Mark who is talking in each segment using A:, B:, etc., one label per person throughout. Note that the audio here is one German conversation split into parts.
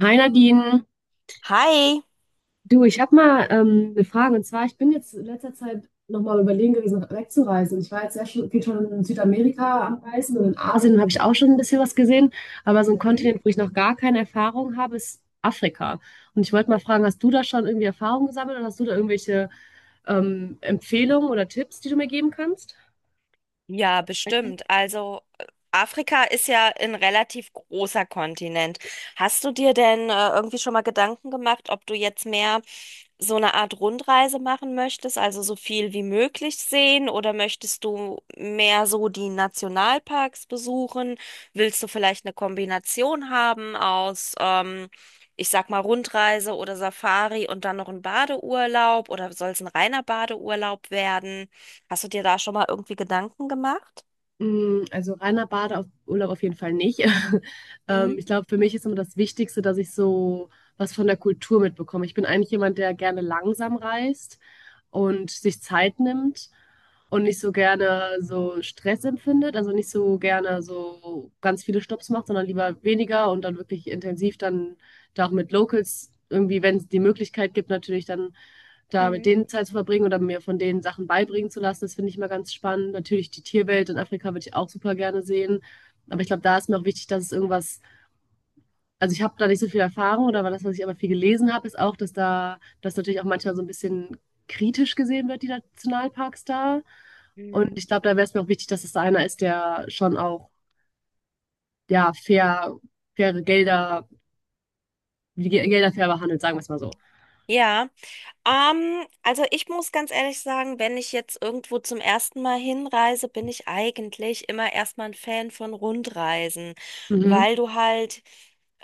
A: Hi Nadine,
B: Hi,
A: du, ich habe mal eine Frage und zwar, ich bin jetzt in letzter Zeit nochmal überlegen gewesen, wegzureisen. Ich war jetzt sehr schon, viel schon in Südamerika am Reisen und in Asien habe ich auch schon ein bisschen was gesehen, aber so ein Kontinent, wo ich noch gar keine Erfahrung habe, ist Afrika. Und ich wollte mal fragen, hast du da schon irgendwie Erfahrung gesammelt oder hast du da irgendwelche Empfehlungen oder Tipps, die du mir geben kannst?
B: stimmt. Also Afrika ist ja ein relativ großer Kontinent. Hast du dir denn irgendwie schon mal Gedanken gemacht, ob du jetzt mehr so eine Art Rundreise machen möchtest, also so viel wie möglich sehen, oder möchtest du mehr so die Nationalparks besuchen? Willst du vielleicht eine Kombination haben aus, ich sag mal, Rundreise oder Safari und dann noch ein Badeurlaub oder soll es ein reiner Badeurlaub werden? Hast du dir da schon mal irgendwie Gedanken gemacht?
A: Also reiner Badeurlaub auf jeden Fall nicht.
B: Mhm.
A: Ich glaube, für mich ist immer das Wichtigste, dass ich so was von der Kultur mitbekomme. Ich bin eigentlich jemand, der gerne langsam reist und sich Zeit nimmt und nicht so gerne so Stress empfindet, also nicht so gerne so ganz viele Stops macht, sondern lieber weniger und dann wirklich intensiv dann da auch mit Locals irgendwie, wenn es die Möglichkeit gibt, natürlich dann da mit
B: Mhm.
A: denen Zeit zu verbringen oder mir von denen Sachen beibringen zu lassen. Das finde ich immer ganz spannend. Natürlich die Tierwelt in Afrika würde ich auch super gerne sehen. Aber ich glaube, da ist mir auch wichtig, dass es irgendwas, also ich habe da nicht so viel Erfahrung oder war das, was ich aber viel gelesen habe, ist auch, dass da, das natürlich auch manchmal so ein bisschen kritisch gesehen wird, die Nationalparks da. Und
B: Mhm.
A: ich glaube, da wäre es mir auch wichtig, dass es da einer ist, der schon auch, ja, fair, faire Gelder, Gelder fair behandelt, sagen wir es mal so.
B: Ja, also ich muss ganz ehrlich sagen, wenn ich jetzt irgendwo zum ersten Mal hinreise, bin ich eigentlich immer erstmal ein Fan von Rundreisen,
A: Mhm.
B: weil du halt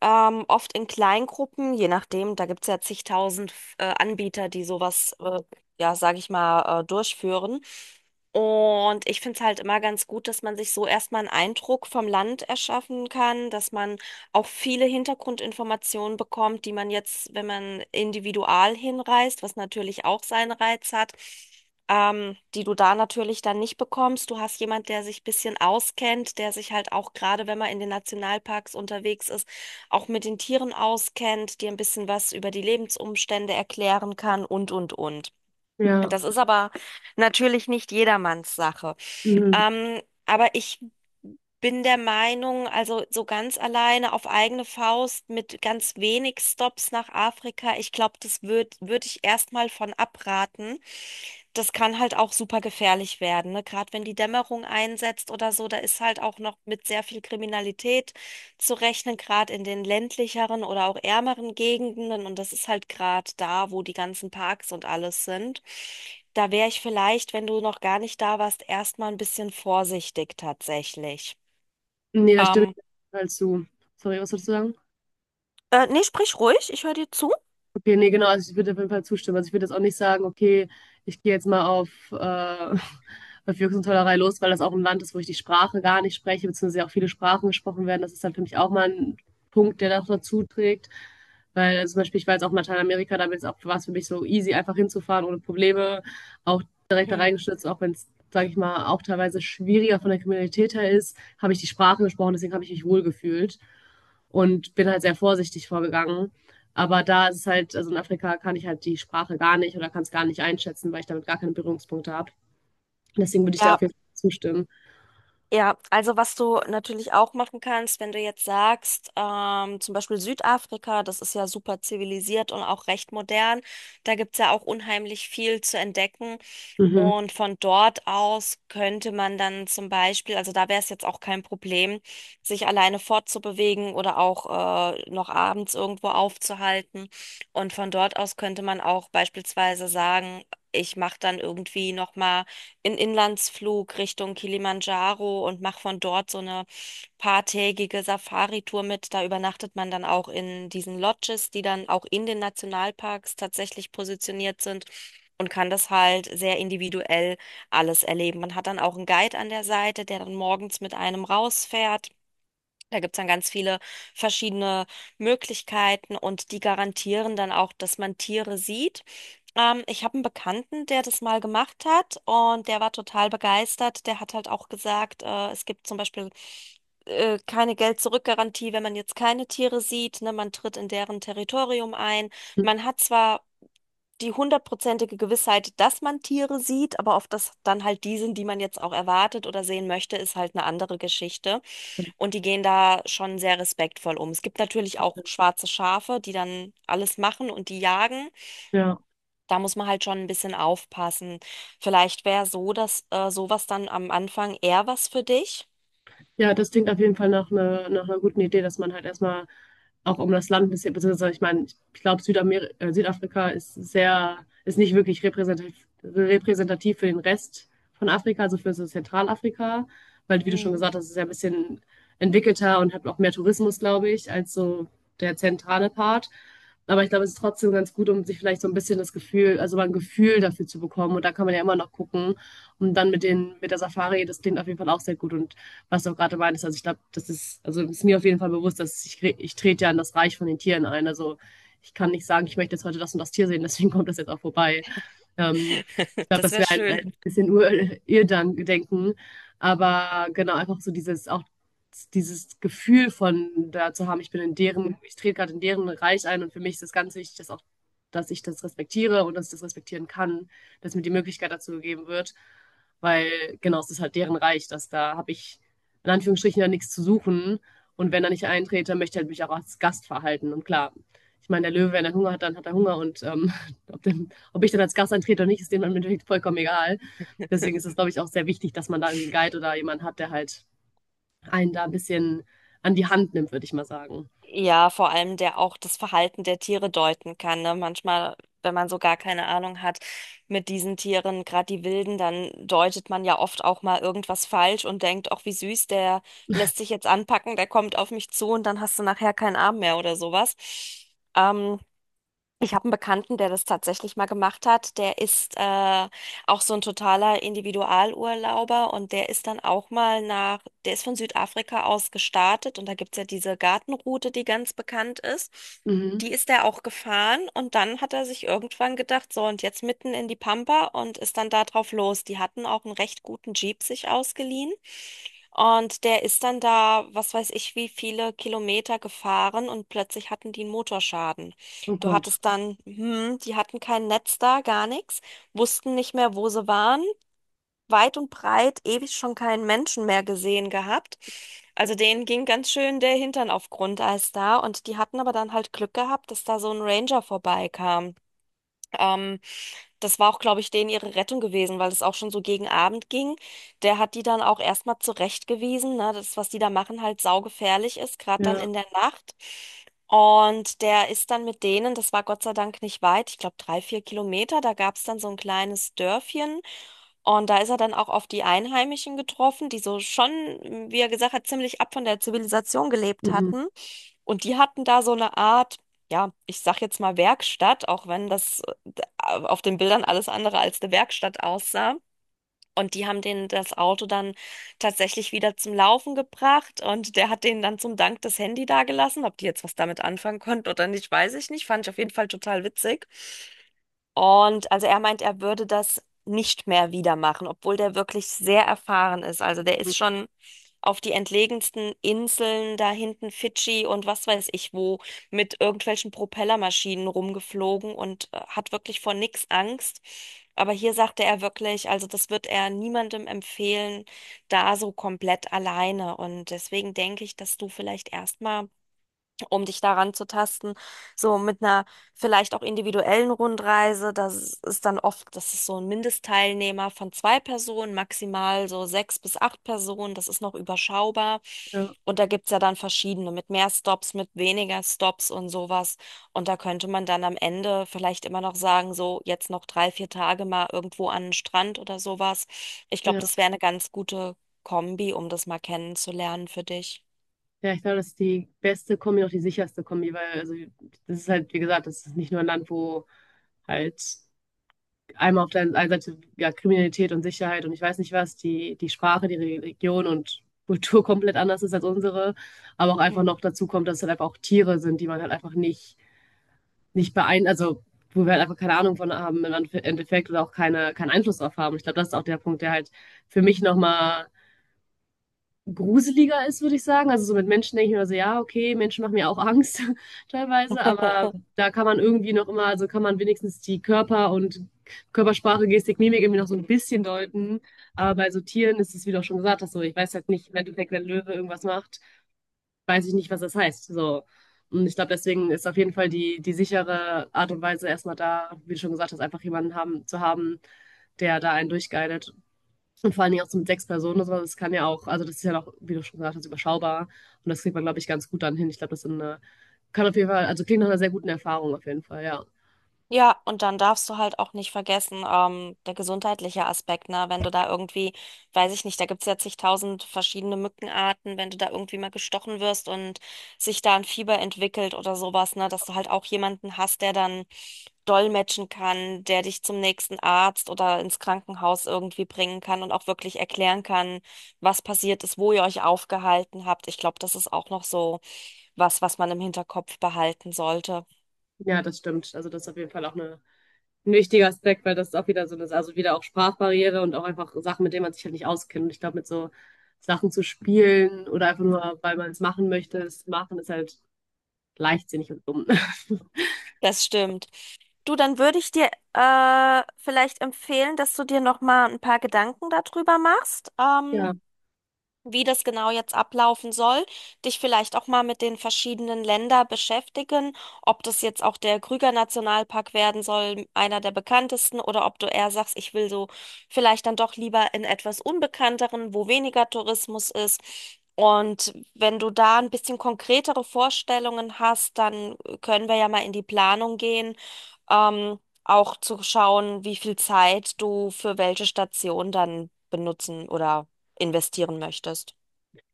B: oft in Kleingruppen, je nachdem, da gibt es ja zigtausend Anbieter, die sowas, ja, sage ich mal, durchführen. Und ich finde es halt immer ganz gut, dass man sich so erstmal einen Eindruck vom Land erschaffen kann, dass man auch viele Hintergrundinformationen bekommt, die man jetzt, wenn man individual hinreist, was natürlich auch seinen Reiz hat, die du da natürlich dann nicht bekommst. Du hast jemand, der sich ein bisschen auskennt, der sich halt auch gerade, wenn man in den Nationalparks unterwegs ist, auch mit den Tieren auskennt, dir ein bisschen was über die Lebensumstände erklären kann und, und.
A: Ja.
B: Das ist aber natürlich nicht jedermanns Sache.
A: Mhm.
B: Ähm, aber ich bin der Meinung, also so ganz alleine auf eigene Faust mit ganz wenig Stops nach Afrika, ich glaube, das würde würd würd ich erstmal von abraten. Das kann halt auch super gefährlich werden, ne? Gerade wenn die Dämmerung einsetzt oder so, da ist halt auch noch mit sehr viel Kriminalität zu rechnen, gerade in den ländlicheren oder auch ärmeren Gegenden. Und das ist halt gerade da, wo die ganzen Parks und alles sind. Da wäre ich vielleicht, wenn du noch gar nicht da warst, erstmal ein bisschen vorsichtig tatsächlich.
A: Nee, da stimme
B: Ähm,
A: ich total zu. Sorry, was wolltest du sagen?
B: nee, sprich ruhig, ich höre dir zu.
A: Okay, nee, genau, also ich würde auf jeden Fall zustimmen. Also ich würde jetzt auch nicht sagen, okay, ich gehe jetzt mal auf, auf Jux und Tollerei los, weil das auch ein Land ist, wo ich die Sprache gar nicht spreche, beziehungsweise auch viele Sprachen gesprochen werden. Das ist dann für mich auch mal ein Punkt, der noch dazu trägt. Weil zum Beispiel, ich war jetzt auch in Lateinamerika, damit ist auch, war es für mich so easy, einfach hinzufahren, ohne Probleme, auch direkt da
B: Hm.
A: reingestürzt, auch wenn es, sage ich mal, auch teilweise schwieriger von der Kriminalität her ist, habe ich die Sprache gesprochen, deswegen habe ich mich wohl gefühlt und bin halt sehr vorsichtig vorgegangen. Aber da ist es halt, also in Afrika kann ich halt die Sprache gar nicht oder kann es gar nicht einschätzen, weil ich damit gar keine Berührungspunkte habe. Deswegen würde ich dir auf
B: Ja,
A: jeden Fall zustimmen.
B: ja, also was du natürlich auch machen kannst, wenn du jetzt sagst, zum Beispiel Südafrika, das ist ja super zivilisiert und auch recht modern, da gibt's ja auch unheimlich viel zu entdecken.
A: Mhm.
B: Und von dort aus könnte man dann zum Beispiel, also da wäre es jetzt auch kein Problem, sich alleine fortzubewegen oder auch noch abends irgendwo aufzuhalten. Und von dort aus könnte man auch beispielsweise sagen, ich mache dann irgendwie nochmal in Inlandsflug Richtung Kilimanjaro und mache von dort so eine paartägige Safari-Tour mit. Da übernachtet man dann auch in diesen Lodges, die dann auch in den Nationalparks tatsächlich positioniert sind und kann das halt sehr individuell alles erleben. Man hat dann auch einen Guide an der Seite, der dann morgens mit einem rausfährt. Da gibt's dann ganz viele verschiedene Möglichkeiten und die garantieren dann auch, dass man Tiere sieht. Ich habe einen Bekannten, der das mal gemacht hat und der war total begeistert. Der hat halt auch gesagt, es gibt zum Beispiel keine Geld-zurück-Garantie, wenn man jetzt keine Tiere sieht. Ne? Man tritt in deren Territorium ein. Man hat zwar die hundertprozentige Gewissheit, dass man Tiere sieht, aber ob das dann halt die sind, die man jetzt auch erwartet oder sehen möchte, ist halt eine andere Geschichte. Und die gehen da schon sehr respektvoll um. Es gibt natürlich auch schwarze Schafe, die dann alles machen und die jagen.
A: Ja.
B: Da muss man halt schon ein bisschen aufpassen. Vielleicht wäre so, dass sowas dann am Anfang eher was für dich.
A: Ja, das klingt auf jeden Fall nach einer guten Idee, dass man halt erstmal auch um das Land ein bisschen, beziehungsweise ich meine, ich glaube, Südamer Südafrika ist sehr, ist nicht wirklich repräsentativ, repräsentativ für den Rest von Afrika, also für so Zentralafrika, weil, wie du schon
B: Hm.
A: gesagt hast, es ist ja ein bisschen entwickelter und hat auch mehr Tourismus, glaube ich, als so der zentrale Part. Aber ich glaube, es ist trotzdem ganz gut, um sich vielleicht so ein bisschen das Gefühl, also mal ein Gefühl dafür zu bekommen. Und da kann man ja immer noch gucken. Und dann mit den, mit der Safari, das klingt auf jeden Fall auch sehr gut. Und was du auch gerade meinst, also ich glaube, das ist, also ist mir auf jeden Fall bewusst, dass ich trete ja in das Reich von den Tieren ein. Also ich kann nicht sagen, ich möchte jetzt heute das und das Tier sehen, deswegen kommt das jetzt auch vorbei. Ähm, ich glaube,
B: Das
A: das
B: wäre
A: wäre
B: schön.
A: ein bisschen Ur Irrdenken. Aber genau, einfach so dieses, auch dieses Gefühl von da zu haben, ich bin in deren, ich trete gerade in deren Reich ein und für mich ist es ganz wichtig, dass auch, dass ich das respektiere und dass ich das respektieren kann, dass mir die Möglichkeit dazu gegeben wird. Weil genau, es ist halt deren Reich, dass da habe ich in Anführungsstrichen ja nichts zu suchen. Und wenn er nicht eintrete, möchte er halt mich auch als Gast verhalten. Und klar, ich meine, der Löwe, wenn er Hunger hat, dann hat er Hunger. Und ob der ob ich dann als Gast antrete oder nicht, ist dem dann im Endeffekt vollkommen egal. Deswegen ist es, glaube ich, auch sehr wichtig, dass man da irgendwie einen Guide oder jemanden hat, der halt einen da ein bisschen an die Hand nimmt, würde ich mal sagen.
B: Ja, vor allem der auch das Verhalten der Tiere deuten kann, ne? Manchmal, wenn man so gar keine Ahnung hat mit diesen Tieren, gerade die Wilden, dann deutet man ja oft auch mal irgendwas falsch und denkt, ach, wie süß, der lässt sich jetzt anpacken, der kommt auf mich zu und dann hast du nachher keinen Arm mehr oder sowas. Ähm, ich habe einen Bekannten, der das tatsächlich mal gemacht hat. Der ist auch so ein totaler Individualurlauber und der ist dann auch mal nach, der ist von Südafrika aus gestartet und da gibt's ja diese Gartenroute, die ganz bekannt ist.
A: Mhm.
B: Die ist er auch gefahren und dann hat er sich irgendwann gedacht, so und jetzt mitten in die Pampa und ist dann da drauf los. Die hatten auch einen recht guten Jeep sich ausgeliehen. Und der ist dann da, was weiß ich, wie viele Kilometer gefahren und plötzlich hatten die einen Motorschaden.
A: Oh
B: Du
A: Gott.
B: hattest dann, die hatten kein Netz da, gar nichts, wussten nicht mehr, wo sie waren, weit und breit, ewig schon keinen Menschen mehr gesehen gehabt. Also denen ging ganz schön der Hintern auf Grundeis da und die hatten aber dann halt Glück gehabt, dass da so ein Ranger vorbeikam. Ähm, das war auch, glaube ich, denen ihre Rettung gewesen, weil es auch schon so gegen Abend ging. Der hat die dann auch erstmal zurechtgewiesen, ne, das, was die da machen, halt saugefährlich ist, gerade dann
A: Ja.
B: in der Nacht. Und der ist dann mit denen, das war Gott sei Dank nicht weit, ich glaube 3, 4 Kilometer, da gab es dann so ein kleines Dörfchen. Und da ist er dann auch auf die Einheimischen getroffen, die so schon, wie er gesagt hat, ziemlich ab von der Zivilisation gelebt
A: Mhm.
B: hatten. Und die hatten da so eine Art, ja, ich sag jetzt mal Werkstatt, auch wenn das auf den Bildern alles andere als eine Werkstatt aussah. Und die haben denen das Auto dann tatsächlich wieder zum Laufen gebracht und der hat denen dann zum Dank das Handy dagelassen. Ob die jetzt was damit anfangen konnten oder nicht, weiß ich nicht. Fand ich auf jeden Fall total witzig. Und also er meint, er würde das nicht mehr wieder machen, obwohl der wirklich sehr erfahren ist. Also der ist schon auf die entlegensten Inseln da hinten Fidschi und was weiß ich wo mit irgendwelchen Propellermaschinen rumgeflogen und hat wirklich vor nichts Angst. Aber hier sagte er wirklich, also das wird er niemandem empfehlen, da so komplett alleine. Und deswegen denke ich, dass du vielleicht erstmal um dich daran zu tasten. So mit einer vielleicht auch individuellen Rundreise, das ist dann oft, das ist so ein Mindestteilnehmer von zwei Personen, maximal so sechs bis acht Personen, das ist noch überschaubar.
A: Ja.
B: Und da gibt's ja dann verschiedene, mit mehr Stops, mit weniger Stops und sowas. Und da könnte man dann am Ende vielleicht immer noch sagen, so jetzt noch 3, 4 Tage mal irgendwo an den Strand oder sowas. Ich glaube,
A: Ja.
B: das wäre eine ganz gute Kombi, um das mal kennenzulernen für dich.
A: Ja, ich glaube, das ist die beste Kombi, auch die sicherste Kombi, weil also das ist halt, wie gesagt, das ist nicht nur ein Land, wo halt einmal auf der einen Seite ja, Kriminalität und Sicherheit und ich weiß nicht was, die, die Sprache, die Religion und Kultur komplett anders ist als unsere, aber auch einfach noch
B: Hm.
A: dazu kommt, dass es halt einfach auch Tiere sind, die man halt einfach nicht, nicht beein, also wo wir halt einfach keine Ahnung von haben im Endeffekt oder auch keine, keinen Einfluss drauf haben. Ich glaube, das ist auch der Punkt, der halt für mich nochmal gruseliger ist, würde ich sagen. Also so mit Menschen denke ich mir so, ja, okay, Menschen machen mir auch Angst teilweise, aber da kann man irgendwie noch immer, also kann man wenigstens die Körper und Körpersprache, Gestik, Mimik irgendwie noch so ein bisschen deuten. Aber bei so Tieren ist es, wie du auch schon gesagt hast, so ich weiß halt nicht, im Endeffekt, wenn Löwe irgendwas macht, weiß ich nicht, was das heißt. So. Und ich glaube, deswegen ist auf jeden Fall die, die sichere Art und Weise erstmal da, wie du schon gesagt hast, einfach jemanden haben, zu haben, der da einen durchguidet und vor allen Dingen auch so mit sechs Personen oder sowas, das kann ja auch, also das ist ja noch, wie du schon gesagt hast, überschaubar. Und das kriegt man, glaube ich, ganz gut dann hin. Ich glaube, das ist eine, kann auf jeden Fall, also klingt nach einer sehr guten Erfahrung auf jeden Fall, ja.
B: Ja, und dann darfst du halt auch nicht vergessen, der gesundheitliche Aspekt, ne? Wenn du da irgendwie, weiß ich nicht, da gibt's ja zigtausend verschiedene Mückenarten, wenn du da irgendwie mal gestochen wirst und sich da ein Fieber entwickelt oder sowas, ne? Dass du halt auch jemanden hast, der dann dolmetschen kann, der dich zum nächsten Arzt oder ins Krankenhaus irgendwie bringen kann und auch wirklich erklären kann, was passiert ist, wo ihr euch aufgehalten habt. Ich glaube, das ist auch noch so was, was man im Hinterkopf behalten sollte.
A: Ja, das stimmt. Also das ist auf jeden Fall auch eine, ein wichtiger Aspekt, weil das ist auch wieder so eine, also wieder auch Sprachbarriere und auch einfach Sachen, mit denen man sich halt nicht auskennt. Und ich glaube, mit so Sachen zu spielen oder einfach nur, weil man es machen möchte, es machen, ist halt leichtsinnig und dumm.
B: Das stimmt. Du, dann würde ich dir vielleicht empfehlen, dass du dir noch mal ein paar Gedanken darüber machst. Ähm,
A: Ja.
B: wie das genau jetzt ablaufen soll, dich vielleicht auch mal mit den verschiedenen Ländern beschäftigen, ob das jetzt auch der Krüger Nationalpark werden soll, einer der bekanntesten, oder ob du eher sagst, ich will so vielleicht dann doch lieber in etwas Unbekannteren, wo weniger Tourismus ist. Und wenn du da ein bisschen konkretere Vorstellungen hast, dann können wir ja mal in die Planung gehen, ähm, auch zu schauen, wie viel Zeit du für welche Station dann benutzen oder investieren möchtest.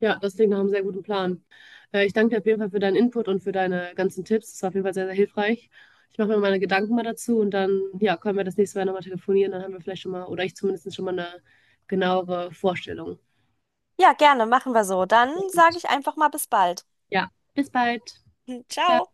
A: Ja, das klingt nach einem sehr guten Plan. Ich danke dir auf jeden Fall für deinen Input und für deine ganzen Tipps. Das war auf jeden Fall sehr, sehr hilfreich. Ich mache mir meine Gedanken mal dazu und dann, ja, können wir das nächste Mal nochmal telefonieren. Dann haben wir vielleicht schon mal, oder ich zumindest schon mal eine genauere Vorstellung.
B: Ja, gerne, machen wir so. Dann
A: Sehr
B: sage
A: gut.
B: ich einfach mal bis bald.
A: Ja, bis bald. Ciao.
B: Ciao.